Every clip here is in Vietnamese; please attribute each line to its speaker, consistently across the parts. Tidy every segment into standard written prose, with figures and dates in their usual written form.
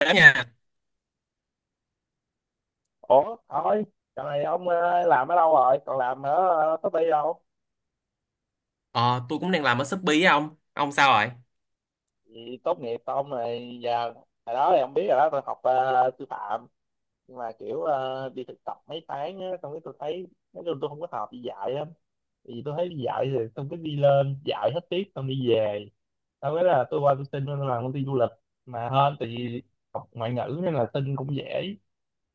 Speaker 1: Đó nha
Speaker 2: Thôi giờ này ông làm ở đâu rồi, còn làm ở công ty đâu?
Speaker 1: ờ, tôi cũng đang làm ở Shopee á. Ông sao rồi?
Speaker 2: Thì tốt nghiệp ông này giờ, hồi đó thì ông biết rồi đó, tôi học sư phạm, nhưng mà kiểu đi thực tập mấy tháng á, xong cái tôi thấy nói chung tôi không có hợp đi dạy lắm. Thì tôi thấy đi dạy thì xong cứ đi lên dạy hết tiết xong đi về. Sau cái là tôi qua tôi xin tôi làm công ty du lịch, mà hơn tại vì học ngoại ngữ nên là xin cũng dễ.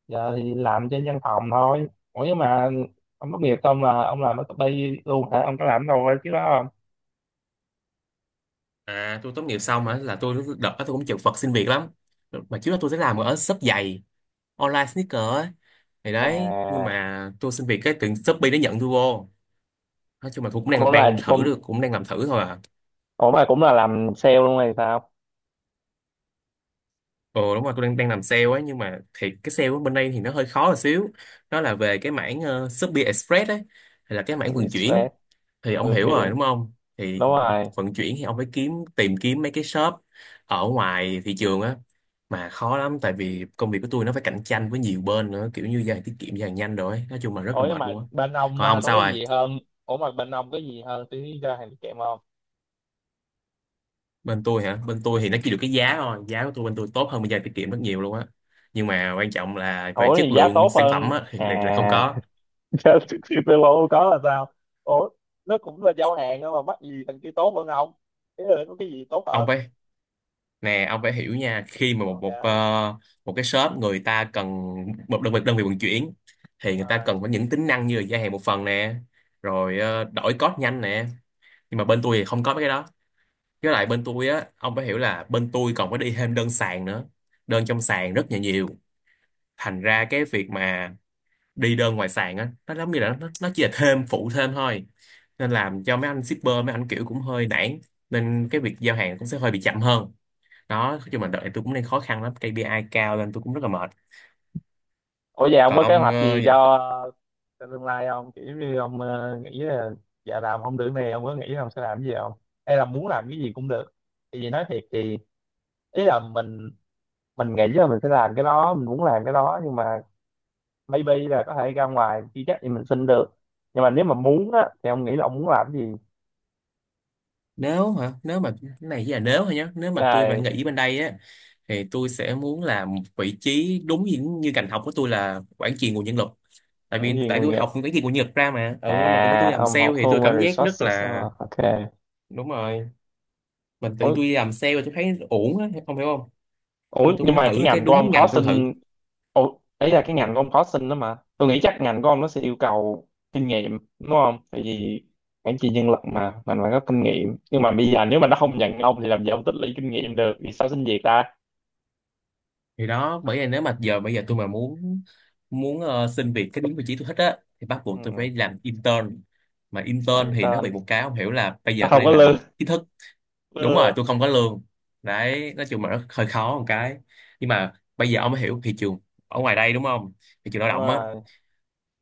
Speaker 2: Giờ thì làm trên văn phòng thôi. Ủa nhưng mà ông tốt nghiệp xong là ông làm ở copy luôn hả, ông có làm đâu chứ đó không?
Speaker 1: À, tôi tốt nghiệp xong á, là tôi đợt đó tôi cũng chật vật xin việc lắm, mà trước đó tôi sẽ làm ở shop giày online sneaker á. Thì đấy, nhưng
Speaker 2: À,
Speaker 1: mà tôi xin việc cái từ Shopee nó nhận tôi vô. Nói chung là tôi cũng
Speaker 2: cũng
Speaker 1: đang
Speaker 2: là
Speaker 1: đang thử
Speaker 2: cũng
Speaker 1: được, cũng đang làm thử thôi à.
Speaker 2: ủa mà cũng là làm sale luôn hay sao?
Speaker 1: Ừ đúng rồi, tôi đang đang làm sale ấy, nhưng mà thì cái sale ở bên đây thì nó hơi khó một xíu. Nó là về cái mảng Shopee Express ấy, hay là cái mảng vận chuyển,
Speaker 2: Stress.
Speaker 1: thì ông
Speaker 2: Vận
Speaker 1: hiểu
Speaker 2: chuyển,
Speaker 1: rồi đúng không? Thì
Speaker 2: đúng rồi.
Speaker 1: vận chuyển thì ông phải tìm kiếm mấy cái shop ở ngoài thị trường á, mà khó lắm, tại vì công việc của tôi nó phải cạnh tranh với nhiều bên nữa, kiểu như giao tiết kiệm, giao nhanh rồi ấy. Nói chung là rất
Speaker 2: Ủa
Speaker 1: là
Speaker 2: nhưng
Speaker 1: mệt
Speaker 2: mà
Speaker 1: luôn á.
Speaker 2: bên ông
Speaker 1: Còn
Speaker 2: à,
Speaker 1: ông
Speaker 2: có
Speaker 1: sao
Speaker 2: cái
Speaker 1: rồi?
Speaker 2: gì hơn? Ủa mà bên ông có gì hơn tí, ra hàng kèm không?
Speaker 1: Bên tôi hả? Bên tôi thì nó chỉ được cái giá thôi, giá của tôi bên tôi tốt hơn bên giao tiết kiệm rất nhiều luôn á, nhưng mà quan trọng là về
Speaker 2: Ủa
Speaker 1: chất
Speaker 2: thì giá
Speaker 1: lượng
Speaker 2: tốt
Speaker 1: sản phẩm
Speaker 2: hơn
Speaker 1: á thì lại là không
Speaker 2: à?
Speaker 1: có.
Speaker 2: Chứ thì tôi bộ có là sao? Ủa, nó cũng là giao hàng đó mà mắc gì thằng kia tốt hơn không? Thế là có cái gì tốt
Speaker 1: Ông
Speaker 2: hơn?
Speaker 1: phải nè, ông phải hiểu nha, khi mà một một ờ,
Speaker 2: Ok
Speaker 1: một cái shop người ta cần một đơn vị vận chuyển, thì người ta cần
Speaker 2: rồi.
Speaker 1: phải những tính năng như là gia hạn một phần nè, rồi đổi code nhanh nè, nhưng mà bên tôi thì không có mấy cái đó. Với lại bên tôi á, ông phải hiểu là bên tôi còn phải đi thêm đơn sàn nữa, đơn trong sàn rất là nhiều, thành ra cái việc mà đi đơn ngoài sàn á nó giống như là nó chỉ là thêm phụ thêm thôi, nên làm cho mấy anh shipper mấy anh kiểu cũng hơi nản, nên cái việc giao hàng cũng sẽ hơi bị chậm hơn. Đó, nói mà đợi, tôi cũng đang khó khăn lắm, KPI cao nên tôi cũng rất là mệt.
Speaker 2: Ủa vậy ông
Speaker 1: còn
Speaker 2: có kế
Speaker 1: ông
Speaker 2: hoạch
Speaker 1: ờ,
Speaker 2: gì cho tương lai không? Kiểu như ông nghĩ là dạ làm không được này, ông có nghĩ là ông sẽ làm cái gì không? Hay là muốn làm cái gì cũng được. Thì vì nói thiệt thì ý là mình nghĩ là mình sẽ làm cái đó, mình muốn làm cái đó, nhưng mà maybe là có thể ra ngoài chưa chắc thì mình xin được. Nhưng mà nếu mà muốn á thì ông nghĩ là ông muốn làm cái gì?
Speaker 1: Nếu hả, nếu mà cái này chỉ là nếu thôi nhé, nếu mà tôi
Speaker 2: À,
Speaker 1: phải nghỉ bên đây á, thì tôi sẽ muốn làm một vị trí đúng như ngành học của tôi là quản trị nguồn nhân lực. tại
Speaker 2: mảng
Speaker 1: vì
Speaker 2: gì
Speaker 1: tại
Speaker 2: nghề
Speaker 1: tôi
Speaker 2: nghiệp?
Speaker 1: học cái gì của Nhật ra mà ừ mà tự nhiên tôi
Speaker 2: À,
Speaker 1: làm
Speaker 2: ông
Speaker 1: sale
Speaker 2: học
Speaker 1: thì tôi
Speaker 2: Human
Speaker 1: cảm giác rất
Speaker 2: Resources.
Speaker 1: là.
Speaker 2: Ờ, ok.
Speaker 1: Đúng rồi, mình tự nhiên
Speaker 2: Ủa,
Speaker 1: tôi làm sale tôi thấy ổn á, ông hiểu không?
Speaker 2: ủa
Speaker 1: Nên tôi
Speaker 2: nhưng
Speaker 1: muốn
Speaker 2: mà cái
Speaker 1: thử cái
Speaker 2: ngành của ông
Speaker 1: đúng
Speaker 2: có
Speaker 1: ngành tôi thử.
Speaker 2: xin. Ủa, ấy là cái ngành của ông có xin đó, mà tôi nghĩ chắc ngành của ông nó sẽ yêu cầu kinh nghiệm đúng không, tại vì quản trị nhân lực mà mình phải có kinh nghiệm, nhưng mà bây giờ nếu mà nó không nhận ông thì làm gì ông tích lũy kinh nghiệm được, vì sao xin việc ta?
Speaker 1: Thì đó, bởi vì nếu mà giờ bây giờ tôi mà muốn muốn ờ, xin việc cái đúng vị trí tôi thích á, thì bắt buộc tôi
Speaker 2: Ừ,
Speaker 1: phải làm intern, mà intern
Speaker 2: làm
Speaker 1: thì nó
Speaker 2: tên.
Speaker 1: bị một cái không hiểu, là bây
Speaker 2: À,
Speaker 1: giờ tôi
Speaker 2: không có
Speaker 1: đang làm
Speaker 2: lương.
Speaker 1: chính thức. Đúng
Speaker 2: Ừ,
Speaker 1: rồi tôi không có lương. Đấy, nói chung là nó hơi khó một cái, nhưng mà bây giờ ông mới hiểu thị trường ở ngoài đây đúng không? Thị trường lao
Speaker 2: đúng
Speaker 1: động á.
Speaker 2: rồi,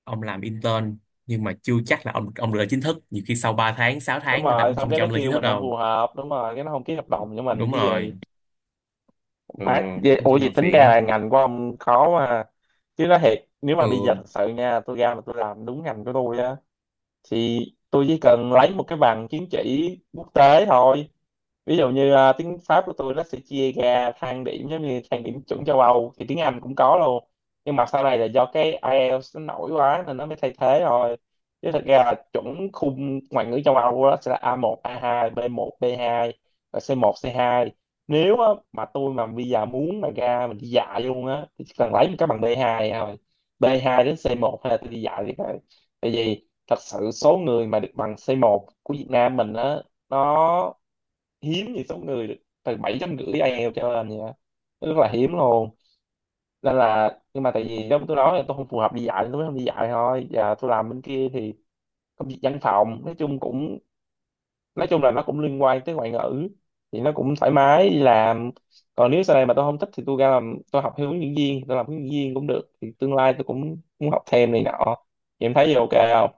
Speaker 1: Ông làm intern nhưng mà chưa chắc là ông được lên chính thức, nhiều khi sau 3 tháng 6
Speaker 2: đúng
Speaker 1: tháng người ta
Speaker 2: rồi,
Speaker 1: cũng
Speaker 2: xong
Speaker 1: không
Speaker 2: cái
Speaker 1: cho
Speaker 2: nó
Speaker 1: ông lên chính
Speaker 2: kêu
Speaker 1: thức
Speaker 2: mình không
Speaker 1: đâu.
Speaker 2: phù hợp, đúng rồi, cái nó không ký hợp đồng với mình
Speaker 1: Đúng
Speaker 2: với gì?
Speaker 1: rồi. Ừ,
Speaker 2: Má vậy-
Speaker 1: nói
Speaker 2: ủa
Speaker 1: chung là
Speaker 2: vậy tính
Speaker 1: phiền
Speaker 2: ra là
Speaker 1: lắm.
Speaker 2: ngành của ông khó mà. Chứ nó thiệt, nếu mà bây giờ thật
Speaker 1: Ừ.
Speaker 2: sự nha, tôi ra mà tôi làm đúng ngành của tôi á, thì tôi chỉ cần lấy một cái bằng chứng chỉ quốc tế thôi. Ví dụ như à, tiếng Pháp của tôi nó sẽ chia ra thang điểm giống như thang điểm chuẩn châu Âu, thì tiếng Anh cũng có luôn, nhưng mà sau này là do cái IELTS nó nổi quá nên nó mới thay thế rồi. Chứ thật ra là chuẩn khung ngoại ngữ châu Âu đó sẽ là A1, A2, B1, B2 và C1, C2. Nếu á, mà tôi mà bây giờ muốn mà ra mình đi dạy luôn á thì chỉ cần lấy một cái bằng B2 thôi, B2 đến C1, hay là tôi đi dạy thì phải, tại vì thật sự số người mà được bằng C1 của Việt Nam mình á, nó hiếm, thì số người từ bảy chấm rưỡi IELTS trở lên vậy đó, rất là hiếm luôn. Nên là, nhưng mà tại vì giống tôi nói là tôi không phù hợp đi dạy nên tôi mới không đi dạy thôi, và tôi làm bên kia thì công việc văn phòng nói chung cũng, nói chung là nó cũng liên quan tới ngoại ngữ, thì nó cũng thoải mái đi làm. Còn nếu sau này mà tôi không thích thì tôi ra làm, tôi học theo hướng dẫn viên, tôi làm hướng dẫn viên cũng được, thì tương lai tôi cũng muốn học thêm này nọ. Thì em thấy gì, ok không?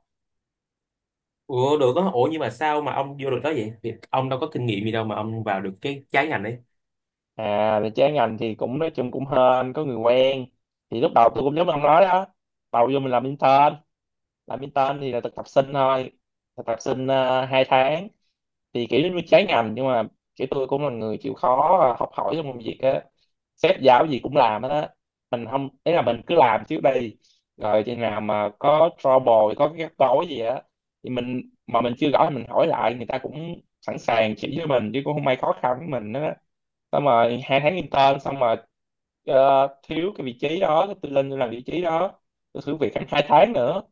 Speaker 1: Ủa được á, ủa nhưng mà sao mà ông vô được đó vậy? Thì ông đâu có kinh nghiệm gì đâu mà ông vào được cái trái ngành ấy.
Speaker 2: À về trái ngành thì cũng nói chung cũng hên có người quen. Thì lúc đầu tôi cũng giống ông nói đó, đầu vô mình làm intern. Làm intern thì là thực tập sinh thôi, thực tập sinh 2 tháng. Thì kiểu giống như trái ngành nhưng mà kiểu tôi cũng là người chịu khó à, học hỏi trong công việc á, sếp giao gì cũng làm hết á. Mình không, ý là mình cứ làm trước đây, rồi chừng nào mà có trouble, có cái rắc rối gì á thì mình, mà mình chưa rõ thì mình hỏi lại, người ta cũng sẵn sàng chỉ cho mình chứ cũng không ai khó khăn với mình đó. Xong rồi hai tháng intern xong rồi, thiếu cái vị trí đó tôi lên tôi làm vị trí đó, tôi thử việc khoảng hai tháng nữa,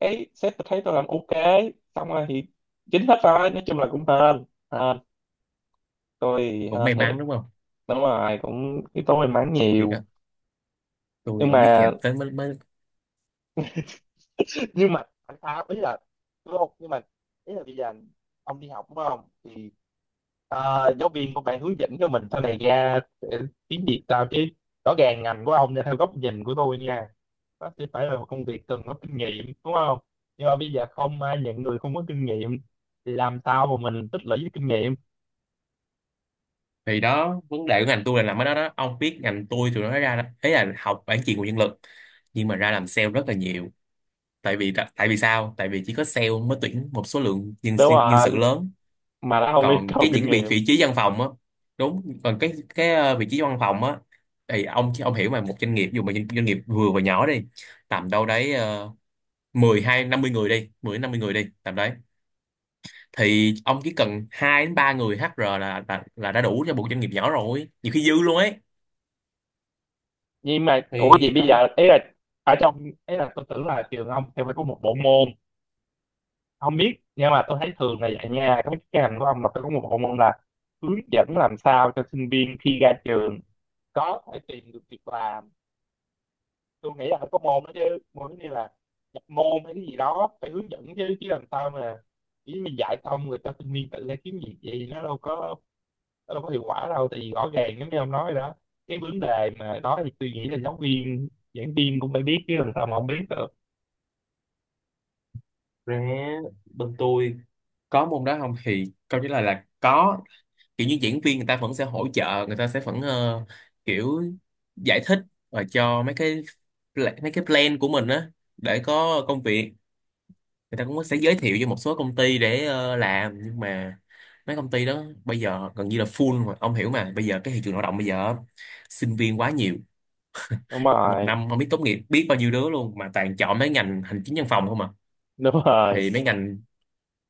Speaker 2: cái sếp thấy tôi làm ok, xong rồi thì chính hết rồi. Nói chung là cũng hên, hên, tôi thì
Speaker 1: Cũng may
Speaker 2: hên thiệt.
Speaker 1: mắn đúng không?
Speaker 2: Đúng rồi, cũng yếu tố may mắn
Speaker 1: Thì đó,
Speaker 2: nhiều.
Speaker 1: tôi
Speaker 2: Nhưng
Speaker 1: không biết
Speaker 2: mà
Speaker 1: ngành tới mới.
Speaker 2: nhưng mà tại sao, ý là đúng không, nhưng mà ý là bây giờ ông đi học đúng không, thì giáo viên của bạn hướng dẫn cho mình sau này ra sẽ, tiếng Việt sao chứ, rõ ràng ngành của ông nha, theo góc nhìn của tôi nha, nó sẽ phải là một công việc cần có kinh nghiệm đúng không, nhưng mà bây giờ không ai nhận người không có kinh nghiệm, thì làm sao mà mình tích lũy cái kinh nghiệm?
Speaker 1: Thì đó, vấn đề của ngành tôi là làm ở đó đó. Ông biết ngành tôi tụi nó nói ra đó. Đấy là học quản trị nguồn nhân lực, nhưng mà ra làm sale rất là nhiều. Tại vì sao? Tại vì chỉ có sale mới tuyển một số lượng nhân
Speaker 2: Đúng
Speaker 1: nhân sự
Speaker 2: rồi,
Speaker 1: lớn.
Speaker 2: mà nó không yêu
Speaker 1: Còn
Speaker 2: cầu
Speaker 1: cái
Speaker 2: kinh
Speaker 1: những vị
Speaker 2: nghiệm.
Speaker 1: vị trí văn phòng á, đúng. Còn cái vị trí văn phòng á, thì ông hiểu mà một doanh nghiệp, dù mà doanh doanh nghiệp vừa và nhỏ đi, tầm đâu đấy 10 đến 50 người đi tầm đấy, thì ông chỉ cần 2 đến 3 người HR là đã đủ cho một doanh nghiệp nhỏ rồi, nhiều khi dư luôn ấy.
Speaker 2: Nhưng mà ủa vậy
Speaker 1: Thì
Speaker 2: bây
Speaker 1: ông
Speaker 2: giờ ý là ở trong, ý là tôi tưởng là trường ông sẽ phải có một bộ môn, không biết nhưng mà tôi thấy thường là dạy nha, các cái ngành của ông là phải có một bộ môn là hướng dẫn làm sao cho sinh viên khi ra trường có thể tìm được việc làm. Tôi nghĩ là phải có môn đó chứ, môn như là nhập môn hay cái gì đó phải hướng dẫn chứ, chứ làm sao mà chỉ mình dạy xong rồi cho sinh viên tự ra kiếm việc, gì nó đâu có, nó đâu có hiệu quả đâu, tại vì rõ ràng giống như ông nói đó, cái vấn đề mà đó, thì tôi nghĩ là giáo viên giảng viên cũng phải biết chứ, làm sao mà không biết được?
Speaker 1: ra, bên tôi có môn đó không thì câu trả lời là có. Kiểu như diễn viên người ta vẫn sẽ hỗ trợ, người ta sẽ vẫn kiểu giải thích và cho mấy cái mấy cái plan của mình á, để có công việc người ta cũng sẽ giới thiệu cho một số công ty để làm, nhưng mà mấy công ty đó bây giờ gần như là full rồi, ông hiểu mà bây giờ cái thị trường lao động bây giờ sinh viên quá nhiều,
Speaker 2: Đúng
Speaker 1: một
Speaker 2: rồi,
Speaker 1: năm không biết tốt nghiệp biết bao nhiêu đứa luôn, mà toàn chọn mấy ngành hành chính văn phòng không à.
Speaker 2: đúng rồi.
Speaker 1: Thì mấy ngành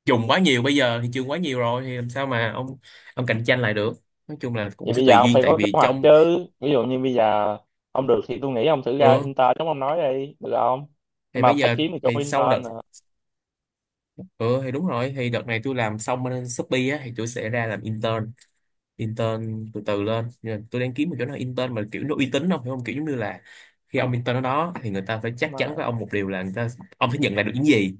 Speaker 1: dùng quá nhiều, bây giờ thị trường quá nhiều rồi thì làm sao mà ông cạnh tranh lại được. Nói chung là cũng
Speaker 2: Vậy
Speaker 1: sẽ
Speaker 2: bây giờ
Speaker 1: tùy
Speaker 2: ông
Speaker 1: duyên,
Speaker 2: phải
Speaker 1: tại
Speaker 2: có kế
Speaker 1: vì
Speaker 2: hoạch
Speaker 1: trong
Speaker 2: chứ, ví dụ như bây giờ ông được thì tôi nghĩ ông thử ra
Speaker 1: ừ,
Speaker 2: intern giống ông nói đi được không? Nhưng
Speaker 1: thì
Speaker 2: mà
Speaker 1: bây
Speaker 2: phải
Speaker 1: giờ
Speaker 2: kiếm được chỗ
Speaker 1: thì sau
Speaker 2: intern
Speaker 1: đợt
Speaker 2: nữa.
Speaker 1: ừ thì đúng rồi, thì đợt này tôi làm xong bên Shopee á thì tôi sẽ ra làm intern, intern từ từ lên. Nhưng mà tôi đang kiếm một chỗ nào intern mà kiểu nó uy tín, không hiểu không, kiểu giống như là khi ông intern ở đó thì người ta phải chắc
Speaker 2: Đúng
Speaker 1: chắn
Speaker 2: rồi,
Speaker 1: với ông một điều là người ta, ông phải nhận lại được những gì.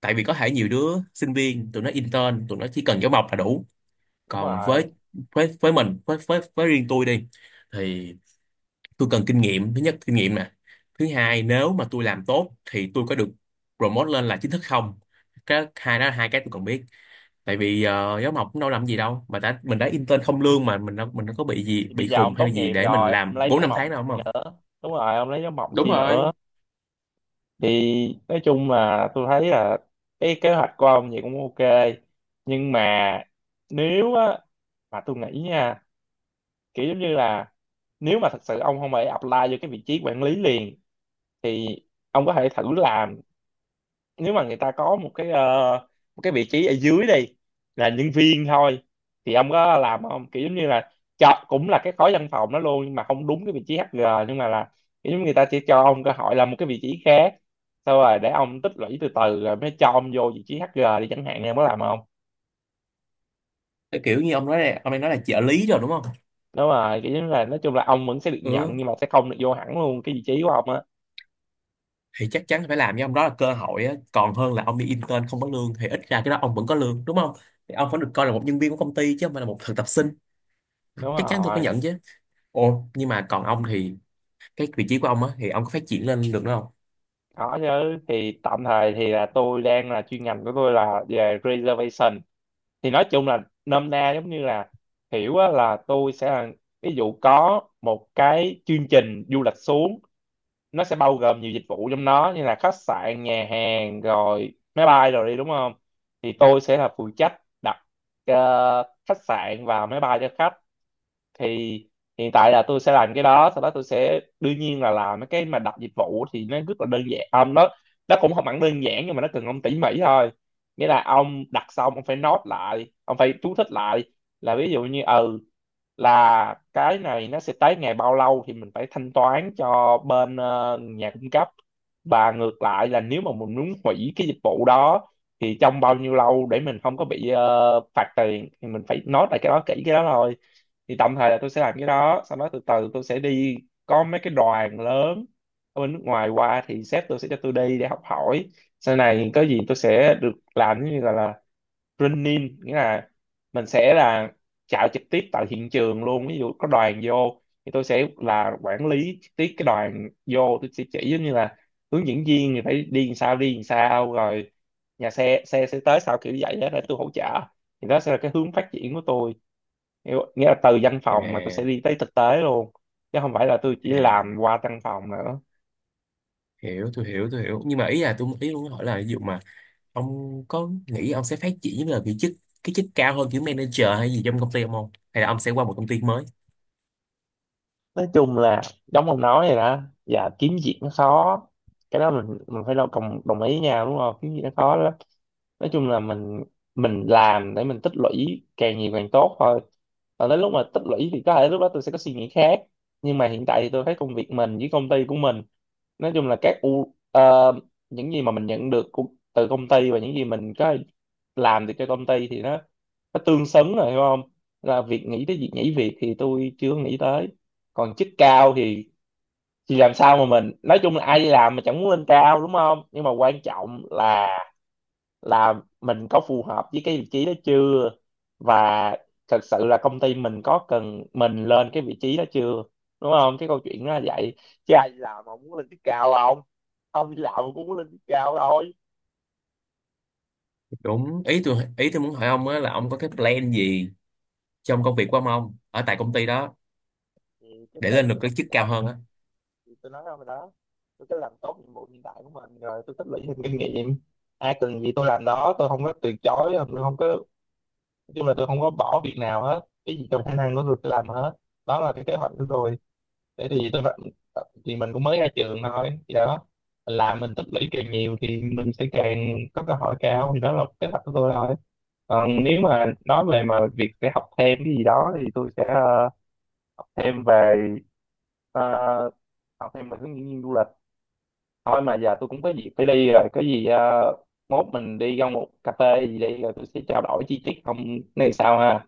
Speaker 1: Tại vì có thể nhiều đứa sinh viên tụi nó intern tụi nó chỉ cần giáo mộc là đủ,
Speaker 2: đúng
Speaker 1: còn
Speaker 2: rồi.
Speaker 1: với mình với riêng tôi đi, thì tôi cần kinh nghiệm, thứ nhất kinh nghiệm nè, thứ hai nếu mà tôi làm tốt thì tôi có được promote lên là chính thức không, cái hai đó là hai cái tôi cần biết. Tại vì giáo mộc cũng đâu làm gì đâu, mà đã mình đã intern không lương mà mình đâu có bị gì
Speaker 2: Thì bây
Speaker 1: bị
Speaker 2: giờ
Speaker 1: khùng
Speaker 2: ông
Speaker 1: hay
Speaker 2: tốt
Speaker 1: là gì
Speaker 2: nghiệp
Speaker 1: để mình
Speaker 2: rồi
Speaker 1: làm
Speaker 2: ông lấy
Speaker 1: bốn
Speaker 2: giáo
Speaker 1: năm tháng
Speaker 2: mộng
Speaker 1: đâu đúng
Speaker 2: chi
Speaker 1: không.
Speaker 2: nữa, đúng rồi ông lấy giáo mộng
Speaker 1: Đúng
Speaker 2: chi nữa.
Speaker 1: rồi.
Speaker 2: Thì nói chung là tôi thấy là cái kế hoạch của ông vậy cũng ok, nhưng mà nếu á, mà tôi nghĩ nha, kiểu giống như là nếu mà thật sự ông không phải apply vô cái vị trí quản lý liền, thì ông có thể thử làm, nếu mà người ta có một cái một cái vị trí ở dưới đi, là nhân viên thôi, thì ông có làm không? Kiểu giống như là cho cũng là cái khối văn phòng đó luôn nhưng mà không đúng cái vị trí HR, nhưng mà là kiểu giống người ta chỉ cho ông cơ hội làm một cái vị trí khác, sau rồi để ông tích lũy từ từ rồi mới cho ông vô vị trí HR đi chẳng hạn, em có làm không?
Speaker 1: Cái kiểu như ông nói là, ông đang nói là trợ lý rồi đúng không.
Speaker 2: Đúng rồi, kiểu giống là nói chung là ông vẫn sẽ được nhận
Speaker 1: Ừ
Speaker 2: nhưng mà sẽ không được vô hẳn luôn cái vị trí của ông á.
Speaker 1: thì chắc chắn phải làm với ông đó, là cơ hội á, còn hơn là ông đi intern không có lương, thì ít ra cái đó ông vẫn có lương đúng không, thì ông vẫn được coi là một nhân viên của công ty chứ không phải là một thực tập sinh.
Speaker 2: Đúng
Speaker 1: Chắc chắn tôi phải
Speaker 2: rồi.
Speaker 1: nhận chứ. Ồ nhưng mà còn ông thì cái vị trí của ông á thì ông có phát triển lên được nữa không?
Speaker 2: Có chứ, thì tạm thời thì là tôi đang là, chuyên ngành của tôi là về reservation, thì nói chung là nôm na giống như là hiểu á, là tôi sẽ là, ví dụ có một cái chương trình du lịch xuống, nó sẽ bao gồm nhiều dịch vụ trong đó như là khách sạn, nhà hàng rồi máy bay rồi đi đúng không, thì tôi sẽ là phụ trách đặt khách sạn và máy bay cho khách. Thì hiện tại là tôi sẽ làm cái đó, sau đó tôi sẽ đương nhiên là làm mấy cái mà đặt dịch vụ thì nó rất là đơn giản ông, nó cũng không hẳn đơn giản nhưng mà nó cần ông tỉ mỉ thôi. Nghĩa là ông đặt xong ông phải note lại, ông phải chú thích lại là, ví dụ như ừ, là cái này nó sẽ tới ngày bao lâu thì mình phải thanh toán cho bên nhà cung cấp, và ngược lại là nếu mà mình muốn hủy cái dịch vụ đó thì trong Bao nhiêu lâu để mình không có bị phạt tiền thì mình phải note lại cái đó kỹ cái đó thôi. Thì tạm thời là tôi sẽ làm cái đó, sau đó từ từ tôi sẽ đi có mấy cái đoàn lớn ở bên nước ngoài qua thì sếp tôi sẽ cho tôi đi để học hỏi. Sau này có gì tôi sẽ được làm, giống như gọi là training, nghĩa là mình sẽ là chạy trực tiếp tại hiện trường luôn. Ví dụ có đoàn vô thì tôi sẽ là quản lý trực tiếp cái đoàn vô, tôi sẽ chỉ giống như là hướng dẫn viên thì phải đi làm sao, đi làm sao, rồi nhà xe, xe sẽ tới sau, kiểu như vậy đó, để tôi hỗ trợ. Thì đó sẽ là cái hướng phát triển của tôi. Nghĩa nghĩa là từ văn
Speaker 1: à
Speaker 2: phòng mà tôi sẽ đi tới thực tế luôn, chứ không phải là tôi chỉ làm
Speaker 1: à
Speaker 2: qua văn phòng nữa.
Speaker 1: hiểu tôi hiểu tôi hiểu nhưng mà ý là tôi ý muốn hỏi là ví dụ mà ông có nghĩ ông sẽ phát triển là vị chức cái chức cao hơn kiểu manager hay gì trong công ty ông không, hay là ông sẽ qua một công ty mới?
Speaker 2: Nói chung là giống ông nói vậy đó, và kiếm việc nó khó. Cái đó mình phải đồng đồng đồng ý nhau, đúng không? Kiếm việc nó khó lắm. Nói chung là mình làm để mình tích lũy càng nhiều càng tốt thôi. Còn đến lúc mà tích lũy thì có thể lúc đó tôi sẽ có suy nghĩ khác, nhưng mà hiện tại thì tôi thấy công việc mình với công ty của mình, nói chung là các u những gì mà mình nhận được từ công ty và những gì mình có làm được cho công ty thì nó tương xứng rồi, hiểu không? Là việc nghĩ tới việc nhảy việc thì tôi chưa nghĩ tới. Còn chức cao thì làm sao mà mình, nói chung là ai đi làm mà chẳng muốn lên cao, đúng không? Nhưng mà quan trọng là là mình có phù hợp với cái vị trí đó chưa, và thật sự là công ty mình có cần mình lên cái vị trí đó chưa, đúng không? Cái câu chuyện nó là vậy, chứ ai đi làm mà muốn lên chức cao không? Không đi làm mà cũng muốn lên chức cao thôi.
Speaker 1: Đúng ý tôi muốn hỏi ông á là ông có cái plan gì trong công việc của ông không ở tại công ty đó,
Speaker 2: Thì cái
Speaker 1: để lên
Speaker 2: plan
Speaker 1: được
Speaker 2: của tôi
Speaker 1: cái chức cao
Speaker 2: đó,
Speaker 1: hơn á.
Speaker 2: thì tôi nói rồi đó, tôi cứ làm tốt nhiệm vụ hiện tại của mình rồi tôi tích lũy thêm kinh nghiệm. Ai cần gì tôi làm đó, tôi không có từ chối, tôi không có, nói chung là tôi không có bỏ việc nào hết, cái gì trong khả năng của tôi làm hết. Đó là cái kế hoạch của tôi. Để thì tôi thì Mình cũng mới ra trường thôi thì đó, mình làm mình tích lũy càng nhiều thì mình sẽ càng có cơ hội cao, thì đó là kế hoạch của tôi thôi. Còn nếu mà nói về mà việc sẽ học thêm cái gì đó thì tôi sẽ học thêm về ờ, học thêm về hướng dẫn viên du lịch thôi. Mà giờ tôi cũng có việc phải đi rồi, có gì mốt mình đi ra một cà phê gì đi rồi tôi sẽ trao đổi chi tiết, không? Này sao ha?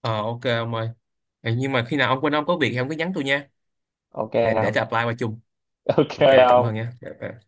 Speaker 1: Ờ ok ông ơi. Ờ, nhưng mà khi nào ông quên ông có việc thì ông cứ nhắn tôi nha,
Speaker 2: Ok,
Speaker 1: để
Speaker 2: không.
Speaker 1: tôi apply qua chung.
Speaker 2: Ok,
Speaker 1: Ok cảm ơn
Speaker 2: không.
Speaker 1: nha. Dạ, bye.